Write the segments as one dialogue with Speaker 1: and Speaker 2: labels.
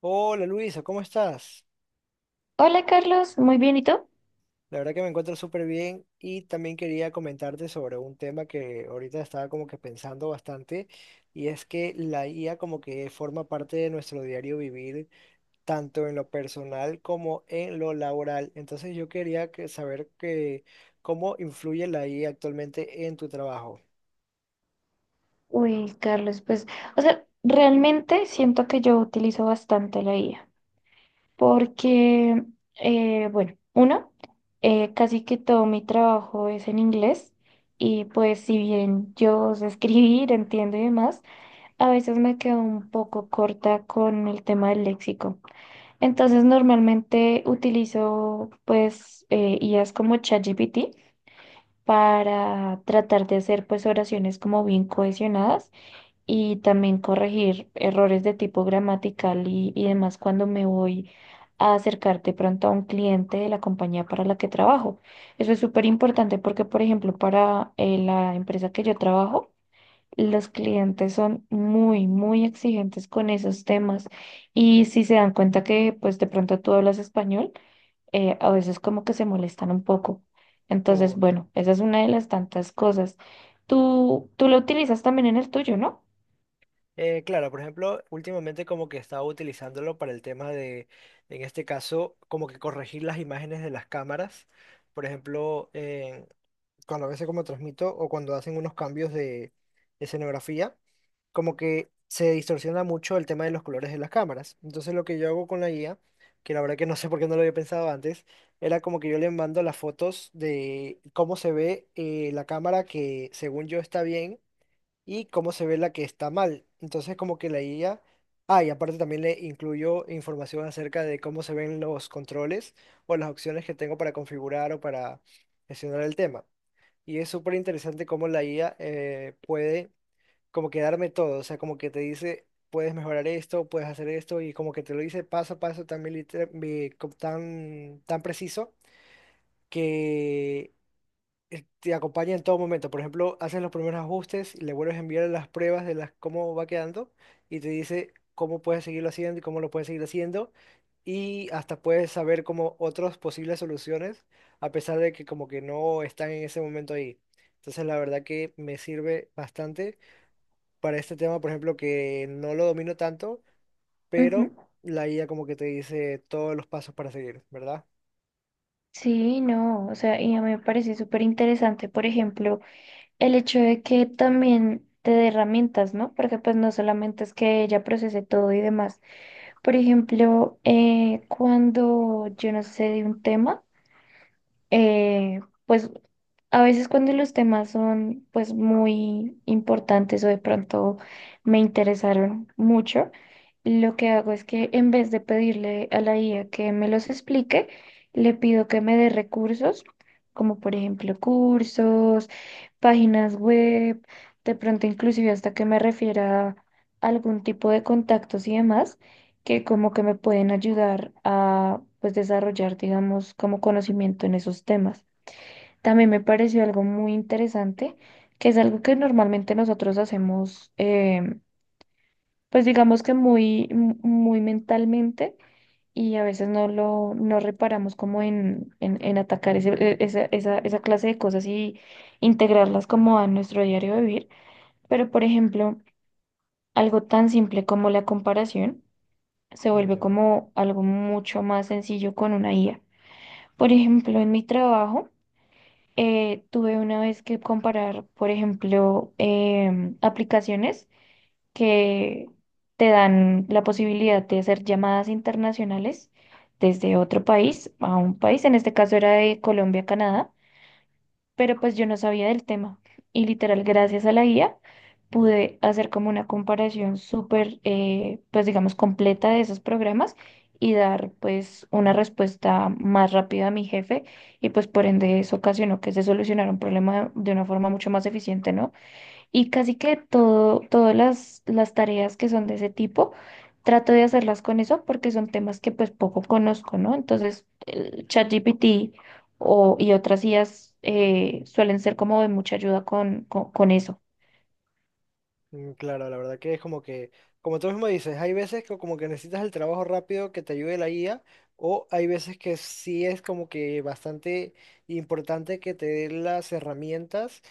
Speaker 1: Hola Luisa, ¿cómo estás?
Speaker 2: Hola Carlos, muy bien, ¿y tú?
Speaker 1: La verdad que me encuentro súper bien y también quería comentarte sobre un tema que ahorita estaba como que pensando bastante y es que la IA como que forma parte de nuestro diario vivir tanto en lo personal como en lo laboral. Entonces yo quería saber que, cómo influye la IA actualmente en tu trabajo.
Speaker 2: Uy, Carlos, realmente siento que yo utilizo bastante la IA, porque, bueno, uno, casi que todo mi trabajo es en inglés y pues si bien yo sé escribir, entiendo y demás, a veces me quedo un poco corta con el tema del léxico. Entonces, normalmente utilizo IAs como ChatGPT para tratar de hacer pues oraciones como bien cohesionadas y también corregir errores de tipo gramatical y demás cuando me voy a acercar de pronto a un cliente de la compañía para la que trabajo. Eso es súper importante porque, por ejemplo, para la empresa que yo trabajo, los clientes son muy, muy exigentes con esos temas y si se dan cuenta que pues de pronto tú hablas español, a veces como que se molestan un poco. Entonces, bueno, esa es una de las tantas cosas. Tú lo utilizas también en el tuyo, ¿no?
Speaker 1: Claro, por ejemplo, últimamente como que estaba utilizándolo para el tema de, en este caso, como que corregir las imágenes de las cámaras. Por ejemplo, cuando a veces como transmito o cuando hacen unos cambios de escenografía, como que se distorsiona mucho el tema de los colores de las cámaras. Entonces lo que yo hago con la guía, que la verdad que no sé por qué no lo había pensado antes, era como que yo le mando las fotos de cómo se ve la cámara que según yo está bien y cómo se ve la que está mal. Entonces, como que la IA, ah, y aparte también le incluyo información acerca de cómo se ven los controles o las opciones que tengo para configurar o para gestionar el tema. Y es súper interesante cómo la IA puede como que darme todo, o sea, como que te dice, puedes mejorar esto, puedes hacer esto, y como que te lo dice paso a paso tan, tan, tan preciso. Que Te acompaña en todo momento. Por ejemplo, haces los primeros ajustes, le vuelves a enviar las pruebas de las, cómo va quedando y te dice cómo puedes seguirlo haciendo y cómo lo puedes seguir haciendo. Y hasta puedes saber como otras posibles soluciones, a pesar de que como que no están en ese momento ahí. Entonces, la verdad que me sirve bastante para este tema, por ejemplo, que no lo domino tanto,
Speaker 2: Ujú.
Speaker 1: pero la IA como que te dice todos los pasos para seguir, ¿verdad?
Speaker 2: Sí, no, o sea, y a mí me parece súper interesante, por ejemplo, el hecho de que también te dé herramientas, ¿no? Porque pues no solamente es que ella procese todo y demás. Por ejemplo, cuando yo no sé de un tema, eh, pues a veces cuando los temas son pues muy importantes o de pronto me interesaron mucho, lo que hago es que en vez de pedirle a la IA que me los explique, le pido que me dé recursos, como por ejemplo cursos, páginas web, de pronto inclusive hasta que me refiera a algún tipo de contactos y demás que como que me pueden ayudar a pues desarrollar, digamos, como conocimiento en esos temas. También me pareció algo muy interesante, que es algo que normalmente nosotros hacemos, pues digamos que muy mentalmente y a veces no lo no reparamos como en atacar esa clase de cosas y integrarlas como a nuestro diario vivir. Pero, por ejemplo, algo tan simple como la comparación se vuelve
Speaker 1: Ya.
Speaker 2: como algo mucho más sencillo con una IA. Por ejemplo, en mi trabajo tuve una vez que comparar, por ejemplo, aplicaciones que te dan la posibilidad de hacer llamadas internacionales desde otro país a un país, en este caso era de Colombia a Canadá, pero pues yo no sabía del tema. Y literal, gracias a la guía, pude hacer como una comparación súper, pues digamos, completa de esos programas y dar pues una respuesta más rápida a mi jefe y pues por ende eso ocasionó que se solucionara un problema de una forma mucho más eficiente, ¿no? Y casi que todo, todas las tareas que son de ese tipo, trato de hacerlas con eso porque son temas que pues poco conozco, ¿no? Entonces, el ChatGPT y otras IAs suelen ser como de mucha ayuda con eso.
Speaker 1: Claro, la verdad que es como que, como tú mismo dices, hay veces que como que necesitas el trabajo rápido que te ayude la guía, o hay veces que sí es como que bastante importante que te dé las herramientas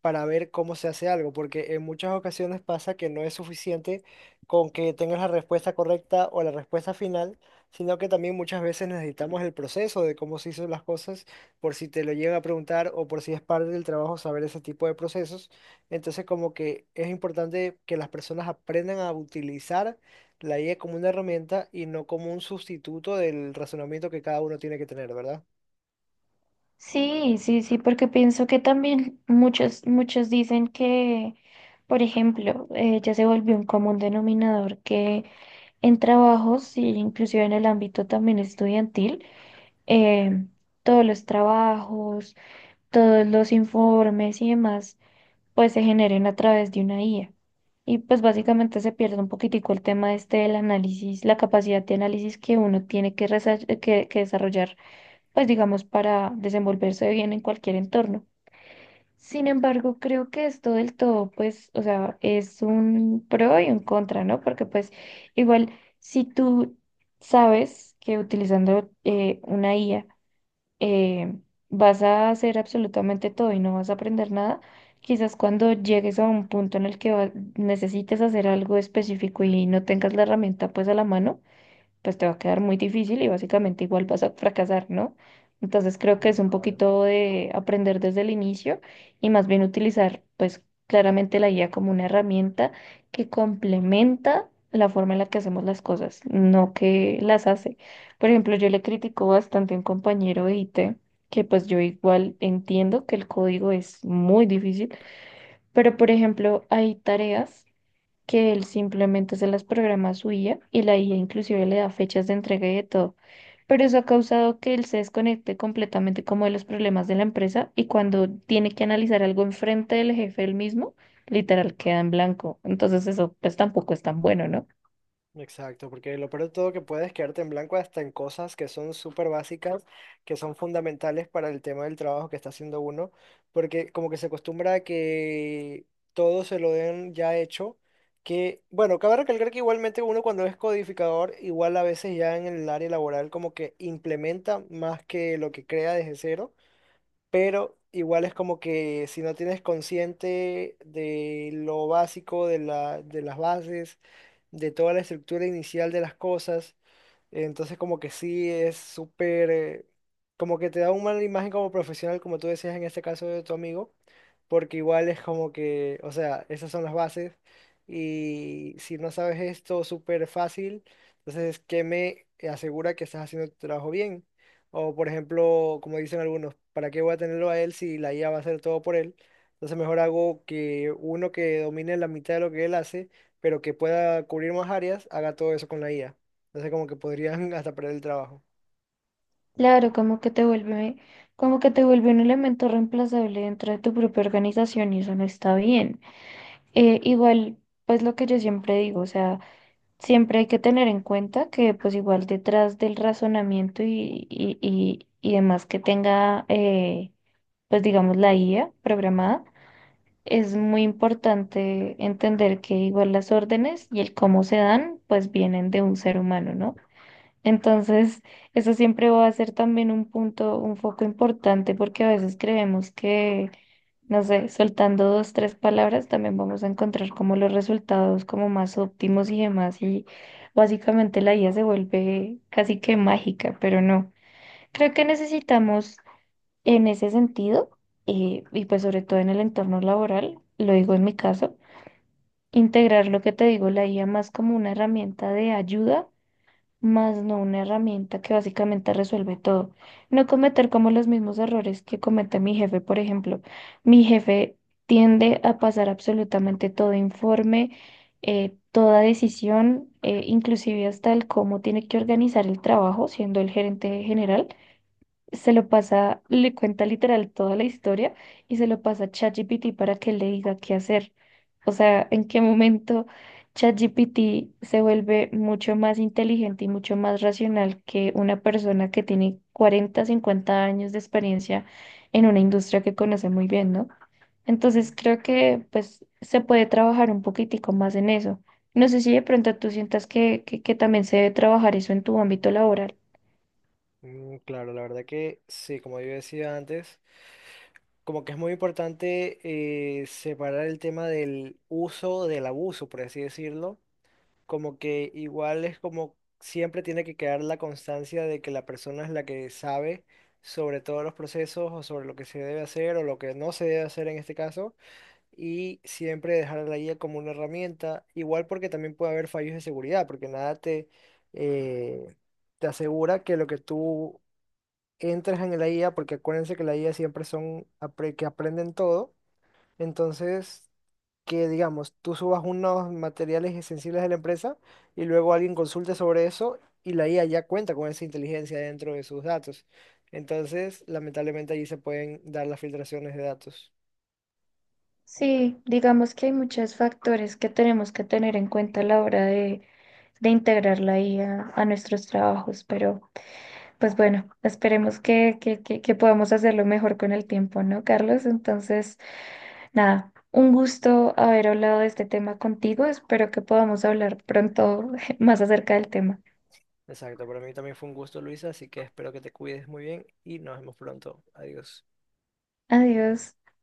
Speaker 1: para ver cómo se hace algo, porque en muchas ocasiones pasa que no es suficiente con que tengas la respuesta correcta o la respuesta final, sino que también muchas veces necesitamos el proceso de cómo se hizo las cosas, por si te lo llegan a preguntar o por si es parte del trabajo saber ese tipo de procesos. Entonces, como que es importante que las personas aprendan a utilizar la IA como una herramienta y no como un sustituto del razonamiento que cada uno tiene que tener, ¿verdad?
Speaker 2: Sí, sí, sí, porque pienso que también muchos dicen que, por ejemplo, ya se volvió un común denominador que en trabajos, y inclusive en el ámbito también estudiantil, em, todos los trabajos, todos los informes y demás, pues se generen a través de una IA. Y pues básicamente se pierde un poquitico el tema este del análisis, la capacidad de análisis que uno tiene que desarrollar, pues digamos, para desenvolverse bien en cualquier entorno. Sin embargo, creo que esto del todo, pues, o sea, es un pro y un contra, ¿no? Porque pues igual, si tú sabes que utilizando una IA, eh, vas a hacer absolutamente todo y no vas a aprender nada. Quizás cuando llegues a un punto en el que necesites hacer algo específico y no tengas la herramienta pues a la mano, pues te va a quedar muy difícil y básicamente igual vas a fracasar, ¿no? Entonces creo que es
Speaker 1: Sí,
Speaker 2: un
Speaker 1: claro.
Speaker 2: poquito de aprender desde el inicio y más bien utilizar pues claramente la guía como una herramienta que complementa la forma en la que hacemos las cosas, no que las hace. Por ejemplo, yo le critico bastante a un compañero de IT, que pues yo igual entiendo que el código es muy difícil, pero por ejemplo hay tareas que él simplemente se las programa a su IA y la IA inclusive le da fechas de entrega y de todo. Pero eso ha causado que él se desconecte completamente como de los problemas de la empresa y cuando tiene que analizar algo enfrente del jefe él mismo, literal queda en blanco. Entonces eso pues tampoco es tan bueno, ¿no?
Speaker 1: Exacto, porque lo peor de todo que puedes quedarte en blanco hasta en cosas que son súper básicas, que son fundamentales para el tema del trabajo que está haciendo uno, porque como que se acostumbra a que todo se lo den ya hecho, que bueno, cabe recalcar que igualmente uno cuando es codificador, igual a veces ya en el área laboral como que implementa más que lo que crea desde cero, pero igual es como que si no tienes consciente de lo básico, de las bases, de toda la estructura inicial de las cosas, entonces como que sí es súper, como que te da una mala imagen como profesional, como tú decías en este caso de tu amigo, porque igual es como que, o sea, esas son las bases y si no sabes esto súper fácil, entonces, ¿qué me asegura que estás haciendo tu trabajo bien? O por ejemplo, como dicen algunos, ¿para qué voy a tenerlo a él si la IA va a hacer todo por él? Entonces mejor hago que uno que domine la mitad de lo que él hace, pero que pueda cubrir más áreas, haga todo eso con la IA. Entonces como que podrían hasta perder el trabajo.
Speaker 2: Claro, como que te vuelve un elemento reemplazable dentro de tu propia organización y eso no está bien. Igual, pues lo que yo siempre digo, o sea, siempre hay que tener en cuenta que pues igual detrás del razonamiento y demás que tenga pues digamos la IA programada, es muy importante entender que igual las órdenes y el cómo se dan pues vienen de un ser humano, ¿no? Entonces, eso siempre va a ser también un punto, un foco importante porque a veces creemos que no sé, soltando dos, tres palabras, también vamos a encontrar como los resultados como más óptimos y demás. Y básicamente la IA se vuelve casi que mágica, pero no. Creo que necesitamos en ese sentido, y pues sobre todo en el entorno laboral, lo digo en mi caso, integrar lo que te digo, la IA más como una herramienta de ayuda más no una herramienta que básicamente resuelve todo. No cometer como los mismos errores que comete mi jefe, por ejemplo. Mi jefe tiende a pasar absolutamente todo informe, toda decisión, inclusive hasta el cómo tiene que organizar el trabajo, siendo el gerente general se lo pasa, le cuenta literal toda la historia y se lo pasa a ChatGPT para que le diga qué hacer. O sea, en qué momento ChatGPT se vuelve mucho más inteligente y mucho más racional que una persona que tiene 40-50 años de experiencia en una industria que conoce muy bien, ¿no? Entonces creo que pues se puede trabajar un poquitico más en eso. No sé si de pronto tú sientas que también se debe trabajar eso en tu ámbito laboral.
Speaker 1: Claro, la verdad que sí, como yo decía antes, como que es muy importante separar el tema del uso del abuso, por así decirlo. Como que igual es como siempre tiene que quedar la constancia de que la persona es la que sabe sobre todos los procesos o sobre lo que se debe hacer o lo que no se debe hacer en este caso y siempre dejar a la guía como una herramienta, igual porque también puede haber fallos de seguridad, porque nada te, eh, te asegura que lo que tú entras en la IA, porque acuérdense que la IA siempre son que aprenden todo. Entonces, que digamos, tú subas unos materiales sensibles de la empresa y luego alguien consulte sobre eso y la IA ya cuenta con esa inteligencia dentro de sus datos. Entonces, lamentablemente allí se pueden dar las filtraciones de datos.
Speaker 2: Sí, digamos que hay muchos factores que tenemos que tener en cuenta a la hora de integrar la I a nuestros trabajos, pero pues bueno, esperemos que podamos hacerlo mejor con el tiempo, ¿no, Carlos? Entonces, nada, un gusto haber hablado de este tema contigo, espero que podamos hablar pronto más acerca del tema.
Speaker 1: Exacto, para mí también fue un gusto, Luisa, así que espero que te cuides muy bien y nos vemos pronto. Adiós.
Speaker 2: Adiós.